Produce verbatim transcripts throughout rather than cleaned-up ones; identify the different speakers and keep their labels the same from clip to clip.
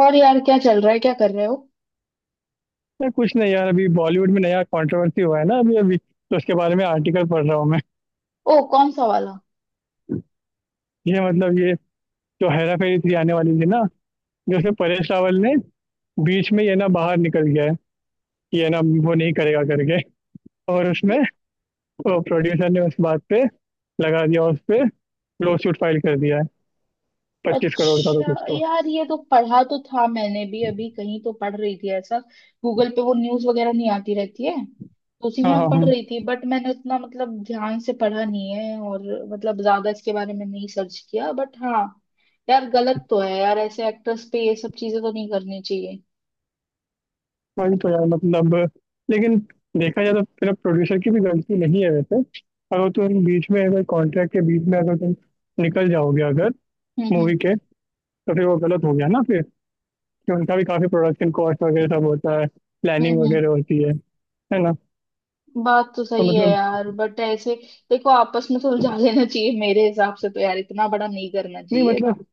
Speaker 1: और यार, क्या चल रहा है, क्या कर रहे हो?
Speaker 2: यार कुछ नहीं यार, अभी बॉलीवुड में नया कंट्रोवर्सी हुआ है ना। अभी अभी तो उसके बारे में आर्टिकल पढ़ रहा हूँ मैं।
Speaker 1: ओ, कौन सा वाला?
Speaker 2: ये मतलब ये जो हेरा फेरी थ्री आने वाली थी ना, जैसे परेश रावल ने बीच में ये ना बाहर निकल गया है कि ये ना वो नहीं करेगा करके, और उसमें
Speaker 1: ये।
Speaker 2: वो प्रोड्यूसर ने उस बात पे लगा दिया, उस पे लॉसूट फाइल कर दिया है पच्चीस करोड़ का, तो
Speaker 1: अच्छा।
Speaker 2: कुछ तो।
Speaker 1: यार, ये तो पढ़ा तो था मैंने भी, अभी कहीं तो पढ़ रही थी ऐसा। गूगल पे वो न्यूज़ वगैरह नहीं आती रहती है, तो उसी
Speaker 2: हाँ
Speaker 1: में
Speaker 2: हाँ
Speaker 1: पढ़
Speaker 2: हाँ।
Speaker 1: रही थी, बट मैंने उतना मतलब ध्यान से पढ़ा नहीं है। और मतलब ज्यादा इसके बारे में नहीं सर्च किया, बट हाँ। यार, गलत तो है यार, ऐसे एक्टर्स पे ये सब चीजें तो नहीं करनी चाहिए।
Speaker 2: वही तो यार, मतलब लेकिन देखा जाए तो फिर प्रोड्यूसर की भी गलती नहीं है वैसे। अगर तुम बीच में, अगर कॉन्ट्रैक्ट के बीच में, अगर तुम निकल जाओगे अगर
Speaker 1: हम्म, हम्म,
Speaker 2: मूवी के, तो फिर वो गलत हो गया ना फिर। कि उनका भी काफी प्रोडक्शन कॉस्ट वगैरह सब होता है, प्लानिंग
Speaker 1: हम्म, हम्म।
Speaker 2: वगैरह होती है है ना।
Speaker 1: बात तो
Speaker 2: तो
Speaker 1: सही है
Speaker 2: मतलब,
Speaker 1: यार, बट ऐसे देखो, आपस में सुलझा लेना चाहिए मेरे हिसाब से, तो यार इतना बड़ा नहीं करना
Speaker 2: नहीं
Speaker 1: चाहिए बट।
Speaker 2: मतलब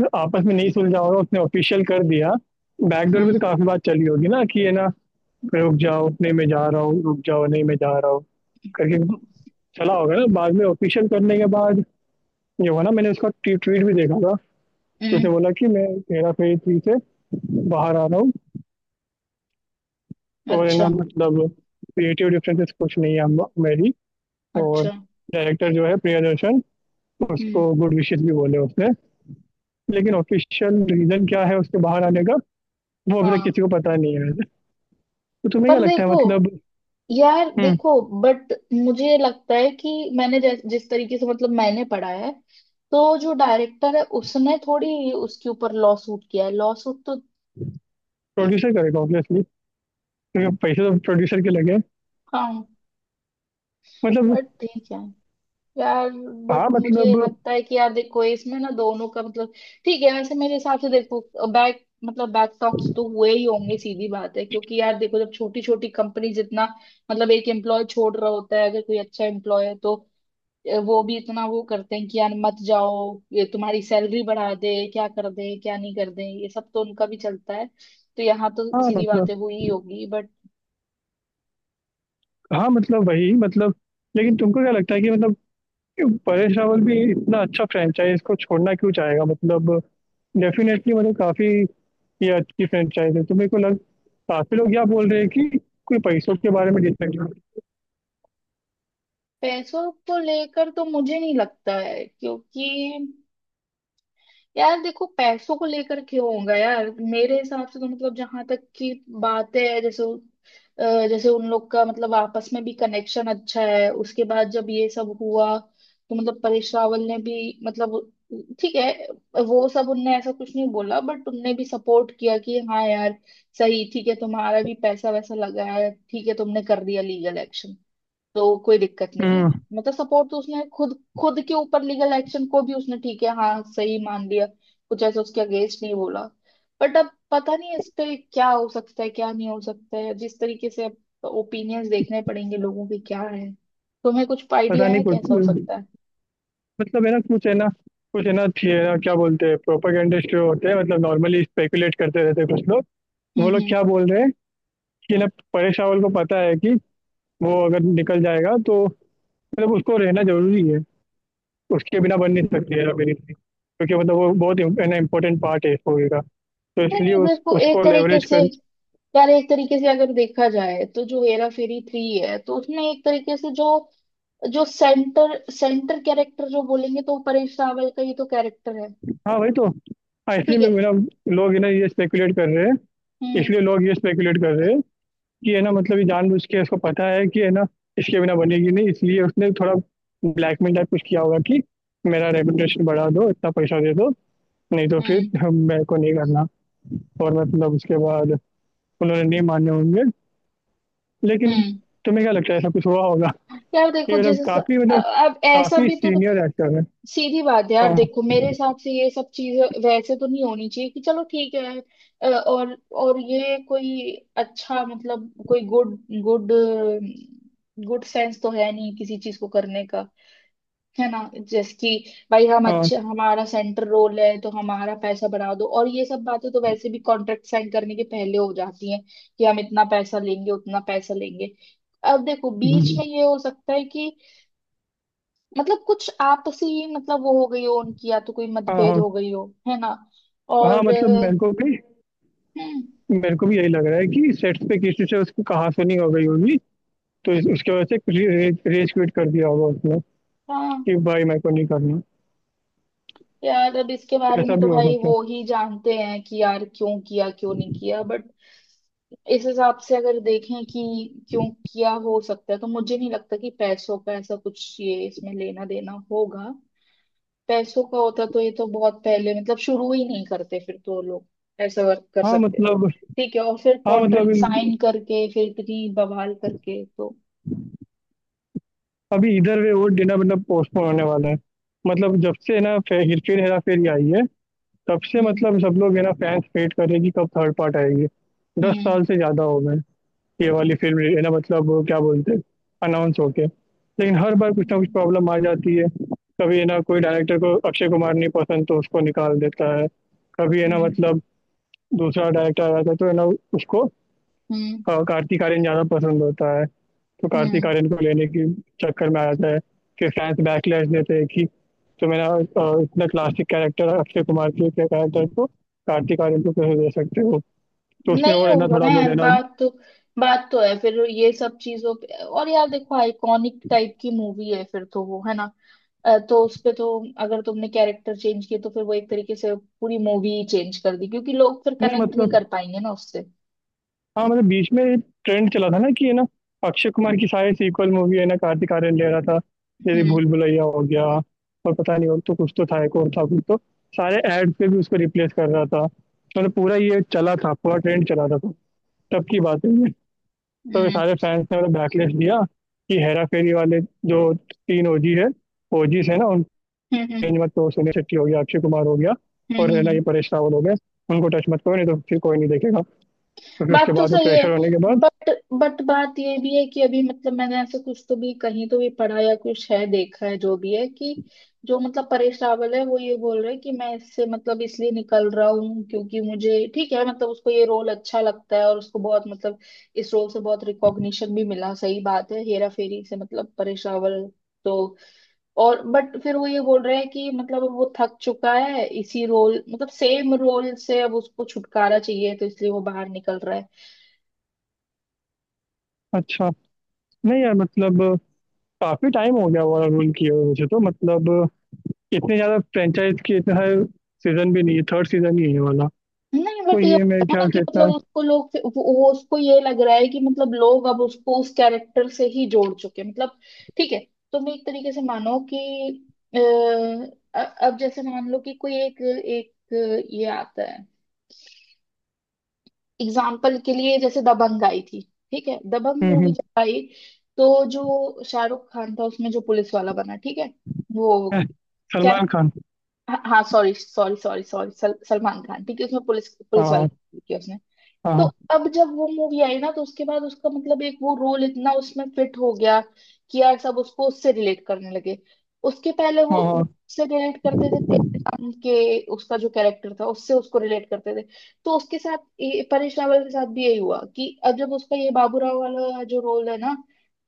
Speaker 2: मतलब आपस में नहीं सुलझा होगा, उसने ऑफिशियल कर दिया। बैकडोर में
Speaker 1: हम्म,
Speaker 2: तो काफी बात चली होगी ना कि ये ना रुक जाओ, नहीं मैं जा रहा हूँ, रुक जाओ, नहीं मैं जा रहा हूँ, करके चला होगा ना, बाद में ऑफिशियल करने के बाद ये हुआ ना। मैंने उसका ट्वीट भी देखा था।
Speaker 1: हम्म।
Speaker 2: उसने बोला कि मैं हेरा फेरी थ्री से बाहर आ रहा हूँ, और है ना
Speaker 1: अच्छा।
Speaker 2: मतलब क्रिएटिव डिफरेंसेस कुछ नहीं है हम- मेरी। और
Speaker 1: अच्छा।
Speaker 2: डायरेक्टर जो है प्रियदर्शन,
Speaker 1: हम्म।
Speaker 2: उसको गुड विशेस भी बोले उसने। लेकिन ऑफिशियल रीजन क्या है उसके बाहर आने का, वो अभी तक
Speaker 1: हाँ।
Speaker 2: किसी को पता नहीं है। तो तुम्हें क्या
Speaker 1: पर
Speaker 2: लगता है
Speaker 1: देखो,
Speaker 2: मतलब?
Speaker 1: यार देखो बट मुझे लगता है कि मैंने जैस, जिस तरीके से मतलब मैंने पढ़ा है, तो जो डायरेक्टर है उसने थोड़ी उसके ऊपर लॉ सूट किया है, लॉ सूट तो?
Speaker 2: प्रोड्यूसर करेगा ऑब्वियसली, क्योंकि पैसे तो प्रोड्यूसर के लगे।
Speaker 1: हाँ।
Speaker 2: मतलब।
Speaker 1: और ठीक है यार, बट
Speaker 2: हाँ
Speaker 1: मुझे
Speaker 2: मतलब,
Speaker 1: लगता है कि यार देखो इसमें ना दोनों का मतलब। ठीक है, वैसे मेरे हिसाब से देखो, बैक मतलब बैक टॉक्स तो हुए ही होंगे, सीधी बात है, क्योंकि यार देखो जब छोटी छोटी कंपनी जितना मतलब एक एम्प्लॉय छोड़ रहा होता है, अगर कोई अच्छा एम्प्लॉय है तो अ, वो भी इतना वो करते हैं कि यार मत जाओ, ये तुम्हारी सैलरी बढ़ा दे, क्या कर दे, क्या नहीं कर दे, ये सब तो उनका भी चलता है, तो यहाँ तो
Speaker 2: हाँ
Speaker 1: सीधी बातें
Speaker 2: मतलब,
Speaker 1: हुई ही होगी बट।
Speaker 2: हाँ मतलब वही मतलब, लेकिन तुमको क्या लगता है कि मतलब परेश रावल भी इतना अच्छा फ्रेंचाइज को छोड़ना क्यों चाहेगा? मतलब डेफिनेटली मतलब काफी, ये अच्छी फ्रेंचाइज है तो मेरे को लग, काफी लोग क्या बोल रहे हैं कि कोई पैसों के बारे में डिसाइड।
Speaker 1: पैसों को लेकर तो मुझे नहीं लगता है, क्योंकि यार देखो, पैसों को लेकर क्यों होगा यार, मेरे हिसाब से तो मतलब जहां तक की बात है, जैसे अ, जैसे उन लोग का मतलब आपस में भी कनेक्शन अच्छा है, उसके बाद जब ये सब हुआ तो मतलब परेश रावल ने भी मतलब ठीक है, वो सब उनने ऐसा कुछ नहीं बोला, बट उनने भी सपोर्ट किया कि हाँ यार सही, ठीक है, तुम्हारा भी पैसा वैसा लगा है, ठीक है, तुमने कर दिया लीगल एक्शन, तो कोई दिक्कत नहीं है।
Speaker 2: हम्म।
Speaker 1: मतलब सपोर्ट तो उसने खुद खुद के ऊपर लीगल एक्शन को भी उसने ठीक है, हाँ सही मान लिया, कुछ ऐसा उसके अगेंस्ट नहीं बोला। बट अब पता नहीं इस पे क्या हो सकता है, क्या नहीं हो सकता है, जिस तरीके से अब ओपिनियंस देखने पड़ेंगे, लोगों के क्या है। तुम्हें कुछ आइडिया
Speaker 2: पता नहीं
Speaker 1: है कैसा हो
Speaker 2: कुछ,
Speaker 1: सकता है?
Speaker 2: मतलब है ना कुछ, है ना कुछ, है ना थी है ना, क्या बोलते हैं प्रोपागेंडिस्ट जो होते हैं, मतलब नॉर्मली स्पेकुलेट करते रहते हैं कुछ लोग।
Speaker 1: हम्म,
Speaker 2: वो लोग
Speaker 1: हम्म।
Speaker 2: क्या बोल रहे हैं कि ना परेश रावल को पता है कि वो अगर निकल जाएगा तो, मतलब उसको रहना जरूरी है, उसके बिना बन नहीं सकती हेरा फेरी थ्री, क्योंकि मतलब वो बहुत इम्पोर्टेंट पार्ट है इस मूवी का। तो
Speaker 1: नहीं
Speaker 2: इसलिए उस
Speaker 1: देखो, एक
Speaker 2: उसको
Speaker 1: तरीके
Speaker 2: लेवरेज
Speaker 1: से
Speaker 2: कर,
Speaker 1: यार, एक तरीके से अगर देखा जाए तो जो हेरा फेरी थ्री है, तो उसमें एक तरीके से जो जो सेंटर सेंटर कैरेक्टर जो बोलेंगे तो वो परेश रावल का ही तो कैरेक्टर है।
Speaker 2: हाँ वही तो। हाँ इसलिए
Speaker 1: ठीक
Speaker 2: मैं
Speaker 1: है।
Speaker 2: मेरा, लोग है ना ये स्पेकुलेट कर रहे हैं,
Speaker 1: हम्म,
Speaker 2: इसलिए लोग ये स्पेकुलेट कर रहे हैं कि है ना मतलब ये जानबूझ के उसको पता है कि है ना इसके बिना बनेगी नहीं, इसलिए उसने थोड़ा ब्लैकमेल टाइप कुछ किया होगा कि मेरा रेपुटेशन बढ़ा दो, इतना पैसा दे दो, नहीं तो फिर
Speaker 1: हम्म,
Speaker 2: हम- मेरे को नहीं करना। और मतलब उसके बाद उन्होंने नहीं माने होंगे, लेकिन
Speaker 1: हम्म।
Speaker 2: तुम्हें क्या लगता है, ऐसा कुछ हुआ होगा?
Speaker 1: यार देखो
Speaker 2: ये मतलब
Speaker 1: जैसे स-
Speaker 2: काफ़ी
Speaker 1: अ-
Speaker 2: मतलब
Speaker 1: अब ऐसा
Speaker 2: काफ़ी
Speaker 1: भी तो
Speaker 2: सीनियर एक्टर है।
Speaker 1: सीधी बात है यार,
Speaker 2: हाँ,
Speaker 1: देखो मेरे हिसाब से ये सब चीजें वैसे तो नहीं होनी चाहिए कि चलो ठीक है। अ, और और ये कोई अच्छा मतलब कोई गुड गुड गुड सेंस तो है नहीं किसी चीज को करने का, है ना। जैसे कि भाई हम
Speaker 2: हाँ।
Speaker 1: अच्छे, हमारा सेंटर रोल है तो हमारा पैसा बढ़ा दो, और ये सब बातें तो वैसे भी कॉन्ट्रैक्ट साइन करने के पहले हो जाती हैं कि हम इतना पैसा लेंगे, उतना पैसा लेंगे। अब देखो,
Speaker 2: हुँ,
Speaker 1: बीच में ये हो सकता है कि मतलब कुछ आपसी ही मतलब वो हो गई हो उनकी, या तो कोई
Speaker 2: हाँ,
Speaker 1: मतभेद
Speaker 2: हाँ।
Speaker 1: हो गई हो, है ना।
Speaker 2: हाँ,
Speaker 1: और
Speaker 2: मतलब
Speaker 1: अ,
Speaker 2: मेरे को भी
Speaker 1: हम्म,
Speaker 2: मेरे को भी यही लग रहा है कि सेट्स पे किसी से उसकी कहासुनी हो गई होगी, तो इस उसकी वजह से रे रेज रेज क्विट कर दिया होगा उसने
Speaker 1: हाँ।
Speaker 2: कि भाई मेरे को नहीं करना,
Speaker 1: यार अब इसके बारे
Speaker 2: ऐसा
Speaker 1: में तो
Speaker 2: भी हो
Speaker 1: भाई
Speaker 2: सकता
Speaker 1: वो
Speaker 2: है।
Speaker 1: ही जानते हैं कि यार क्यों किया, क्यों नहीं किया, बट इस हिसाब से अगर देखें कि क्यों किया, हो सकता है तो मुझे नहीं लगता कि पैसों का ऐसा कुछ ये इसमें लेना देना होगा। पैसों का होता तो ये तो बहुत पहले मतलब शुरू ही नहीं करते, फिर तो लोग ऐसा वर्क कर
Speaker 2: हाँ,
Speaker 1: सकते थे,
Speaker 2: मतलब,
Speaker 1: ठीक है, और फिर
Speaker 2: हाँ, मतलब
Speaker 1: कॉन्ट्रैक्ट साइन
Speaker 2: इन
Speaker 1: करके फिर इतनी बवाल करके तो।
Speaker 2: अभी इधर वे वो डिनर मतलब पोस्टपोन होने वाला है। मतलब जब से ना फे हे फिर हेरा फेरी आई है, तब से
Speaker 1: हम्म,
Speaker 2: मतलब सब लोग है ना फैन्स वेट कर रहे हैं कि कब थर्ड पार्ट आएगी। दस
Speaker 1: हम्म,
Speaker 2: साल से ज़्यादा हो गए। ये वाली फिल्म है ना मतलब वो क्या बोलते हैं अनाउंस होके, लेकिन हर बार कुछ ना कुछ
Speaker 1: हम्म,
Speaker 2: प्रॉब्लम आ जाती है। कभी है ना कोई डायरेक्टर को अक्षय कुमार नहीं पसंद तो उसको निकाल देता है। कभी है ना
Speaker 1: हम्म,
Speaker 2: मतलब दूसरा डायरेक्टर आ जाता है तो है ना उसको,
Speaker 1: हम्म,
Speaker 2: अ, कार्तिक आर्यन ज़्यादा पसंद होता है, तो कार्तिक
Speaker 1: हम्म।
Speaker 2: आर्यन को लेने के चक्कर में आ जाता है। फिर फैंस बैकलैश देते हैं कि तो मेरा अ, इतना क्लासिक कैरेक्टर अक्षय कुमार के कैरेक्टर को कार्तिक आर्यन को कैसे दे सकते हो? तो उसमें
Speaker 1: नहीं
Speaker 2: और है ना
Speaker 1: होगा ना
Speaker 2: थोड़ा बहुत
Speaker 1: यार,
Speaker 2: है ना।
Speaker 1: बात तो बात तो है फिर ये सब चीजों पे, और यार देखो, आइकॉनिक टाइप की मूवी है फिर तो वो, है ना। अ, तो उसपे तो अगर तुमने कैरेक्टर चेंज किए तो फिर वो एक तरीके से पूरी मूवी ही चेंज कर दी, क्योंकि लोग फिर
Speaker 2: नहीं
Speaker 1: कनेक्ट नहीं
Speaker 2: मतलब
Speaker 1: कर पाएंगे ना उससे।
Speaker 2: हाँ मतलब बीच में ट्रेंड चला था ना कि है ना अक्षय कुमार की सारी सीक्वल मूवी है ना कार्तिक आर्यन ले रहा था। जैसे
Speaker 1: हम्म,
Speaker 2: भूल भुलैया हो गया, और पता नहीं, और तो कुछ तो था एक और था कुछ तो, सारे एड पे भी उसको रिप्लेस कर रहा था, मतलब पूरा ये चला था, पूरा ट्रेंड चला था तो तब की बात है ये। तो ये
Speaker 1: हम्म,
Speaker 2: सारे फैंस ने मतलब बैकलैश दिया कि हेरा फेरी वाले जो तीन ओजी है, ओजीज है ना उन
Speaker 1: हम्म, हम्म, हम्म,
Speaker 2: रेंज मत करो, सुनील शेट्टी हो गया, अक्षय कुमार हो गया,
Speaker 1: हम्म,
Speaker 2: और है ना ये
Speaker 1: हम्म।
Speaker 2: परेश रावल हो गया, उनको टच मत करो, नहीं तो फिर कोई नहीं देखेगा। तो फिर उसके
Speaker 1: बात तो
Speaker 2: बाद वो
Speaker 1: सही है,
Speaker 2: प्रेशर होने के बाद,
Speaker 1: बट बट बात ये भी है कि अभी मतलब मैंने ऐसे कुछ तो भी कहीं तो भी पढ़ा या कुछ है देखा है जो भी है कि जो मतलब परेश रावल है वो ये बोल रहे हैं कि मैं इससे मतलब इसलिए निकल रहा हूँ, क्योंकि मुझे ठीक है मतलब उसको ये रोल अच्छा लगता है, और उसको बहुत मतलब इस रोल से बहुत रिकॉग्निशन भी मिला, सही बात है, हेरा फेरी से मतलब परेश रावल, तो और बट फिर वो ये बोल रहे हैं कि मतलब अब वो थक चुका है इसी रोल मतलब सेम रोल से, अब उसको छुटकारा चाहिए, तो इसलिए वो बाहर निकल रहा है।
Speaker 2: अच्छा। नहीं यार मतलब काफी टाइम हो गया ओवरऑल किए हुए, मुझे तो मतलब इतने ज्यादा फ्रेंचाइज के इतने सारे सीजन भी नहीं है, थर्ड सीजन ही है ये वाला,
Speaker 1: नहीं
Speaker 2: तो
Speaker 1: बट ये
Speaker 2: ये
Speaker 1: होगा
Speaker 2: मेरे
Speaker 1: ना
Speaker 2: ख्याल
Speaker 1: कि
Speaker 2: से इतना।
Speaker 1: मतलब उसको लोग फिर- वो वो- उसको ये लग रहा है कि मतलब लोग अब उसको उस कैरेक्टर से ही जोड़ चुके हैं मतलब ठीक है, तुम एक तरीके से मानो कि अ, अ- अब जैसे मान लो कि कोई एक एक ये आता है एग्जाम्पल के लिए, जैसे दबंग आई थी। ठीक है, दबंग
Speaker 2: हम्म
Speaker 1: मूवी
Speaker 2: हम्म,
Speaker 1: जब आई तो जो शाहरुख खान था उसमें जो पुलिस वाला बना, ठीक है, वो?
Speaker 2: है,
Speaker 1: क्या?
Speaker 2: सलमान खान।
Speaker 1: हाँ सॉरी, सॉरी, सॉरी, सॉरी, सल, सलमान खान ठीक है, उसमें पुलिस पुलिस वाला
Speaker 2: हाँ,
Speaker 1: किया उसने।
Speaker 2: हाँ,
Speaker 1: तो
Speaker 2: हाँ,
Speaker 1: अब जब वो मूवी आई ना तो उसके बाद उसका मतलब एक वो रोल इतना उसमें फिट हो गया कि यार सब उसको उससे रिलेट करने लगे। उसके पहले वो
Speaker 2: हाँ,
Speaker 1: वो
Speaker 2: हाँ।
Speaker 1: उससे रिलेट करते थे तेरे नाम के, उसका जो कैरेक्टर था उससे उसको रिलेट करते थे। तो उसके साथ ये- परेश रावल के साथ भी यही हुआ कि अब जब उसका ये बाबूराव वाला जो रोल है ना,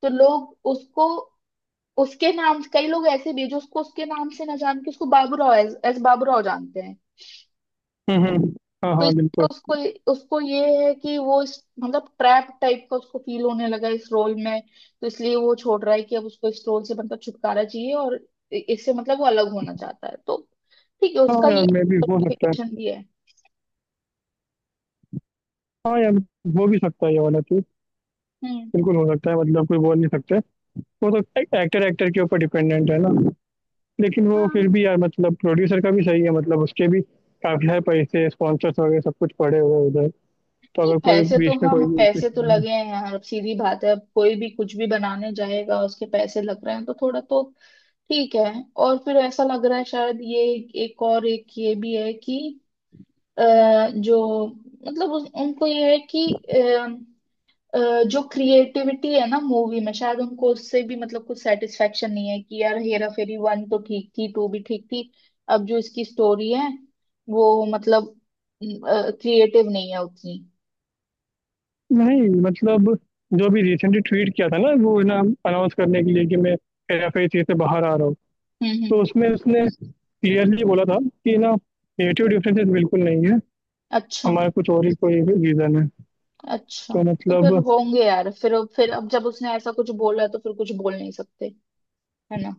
Speaker 1: तो लोग उसको उसके नाम, कई लोग ऐसे भी हैं जो उसको उसके नाम से ना जान के उसको बाबूराव एज एज बाबूराव जानते हैं।
Speaker 2: हम्म हम्म, हाँ
Speaker 1: तो
Speaker 2: हाँ
Speaker 1: इसलिए
Speaker 2: बिल्कुल।
Speaker 1: उसको उसको ये है कि वो इस मतलब ट्रैप टाइप का उसको फील होने लगा इस रोल में, तो इसलिए वो छोड़ रहा है कि अब उसको इस रोल से मतलब छुटकारा चाहिए, और इ- इससे मतलब वो अलग होना चाहता है, तो ठीक है,
Speaker 2: हाँ
Speaker 1: उसका
Speaker 2: यार
Speaker 1: ये
Speaker 2: मे भी हो सकता है।
Speaker 1: implication भी है।
Speaker 2: हाँ यार, हो भी सकता है ये वाला चीज,
Speaker 1: हम्म।
Speaker 2: बिल्कुल हो सकता है, मतलब कोई बोल नहीं सकता वो तो। एक्टर एक्टर के ऊपर डिपेंडेंट है ना। लेकिन वो
Speaker 1: हाँ।
Speaker 2: फिर भी यार मतलब प्रोड्यूसर का भी सही है, मतलब उसके भी काफी सारे पैसे स्पॉन्सर्स वगैरह सब कुछ पड़े हुए हैं उधर, तो
Speaker 1: नहीं,
Speaker 2: अगर कोई
Speaker 1: पैसे तो,
Speaker 2: बीच में
Speaker 1: हाँ,
Speaker 2: कोई भी उठ के
Speaker 1: पैसे तो
Speaker 2: चला जाए।
Speaker 1: लगे हैं यार, अब सीधी बात है, अब कोई भी कुछ भी बनाने जाएगा उसके पैसे लग रहे हैं, तो थोड़ा तो ठीक है। और फिर ऐसा लग रहा है, शायद ये एक और एक ये भी है कि अ, जो मतलब उस, उनको ये है कि अ, अ, जो क्रिएटिविटी है ना मूवी में, शायद उनको उससे भी मतलब कुछ सेटिस्फेक्शन नहीं है कि यार हेरा फेरी वन तो ठीक थी, टू भी ठीक थी, अब जो इसकी स्टोरी है वो मतलब क्रिएटिव नहीं है उतनी।
Speaker 2: नहीं मतलब जो अभी रिसेंटली ट्वीट किया था ना वो ना अनाउंस करने के लिए कि मैं हेराफेरी से बाहर आ रहा हूँ,
Speaker 1: हम्म,
Speaker 2: तो
Speaker 1: हम्म,
Speaker 2: उसमें उसने क्लियरली बोला था कि ना नेटिव डिफरेंसेस बिल्कुल नहीं है,
Speaker 1: अच्छा,
Speaker 2: हमारा कुछ और ही कोई रीज़न है
Speaker 1: अच्छा।
Speaker 2: तो
Speaker 1: तो
Speaker 2: मतलब।
Speaker 1: फिर होंगे यार, फिर फिर अब जब उसने ऐसा कुछ बोला है तो फिर कुछ बोल नहीं सकते, है ना।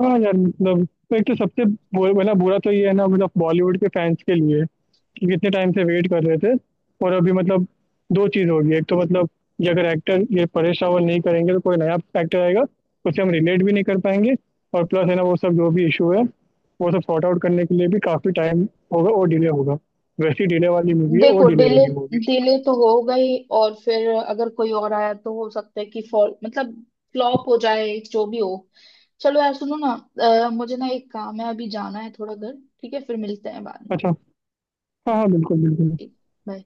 Speaker 2: हाँ यार मतलब एक तो सबसे बु- मतलब बुरा तो ये है ना मतलब बॉलीवुड के फैंस के लिए कि कितने टाइम से वेट कर रहे थे। और अभी मतलब दो चीज़ होगी, एक तो मतलब ये अगर एक्टर ये परेश रावल नहीं करेंगे तो कोई नया एक्टर आएगा, उससे हम रिलेट भी नहीं कर पाएंगे, और प्लस है ना वो सब जो भी इशू है वो सब सॉर्ट आउट करने के लिए भी काफ़ी टाइम होगा और डिले होगा। वैसी डिले वाली मूवी है और
Speaker 1: देखो,
Speaker 2: डिले
Speaker 1: डिले
Speaker 2: होगी मूवी।
Speaker 1: डिले तो हो गई, और फिर अगर कोई और आया तो हो सकता है कि फॉल मतलब फ्लॉप हो जाए, जो भी हो। चलो यार, सुनो ना, अ, मुझे ना एक काम है, अभी जाना है थोड़ा घर। ठीक है, फिर मिलते हैं बाद में।
Speaker 2: अच्छा, हाँ हाँ बिल्कुल बिल्कुल।
Speaker 1: ठीक। बाय।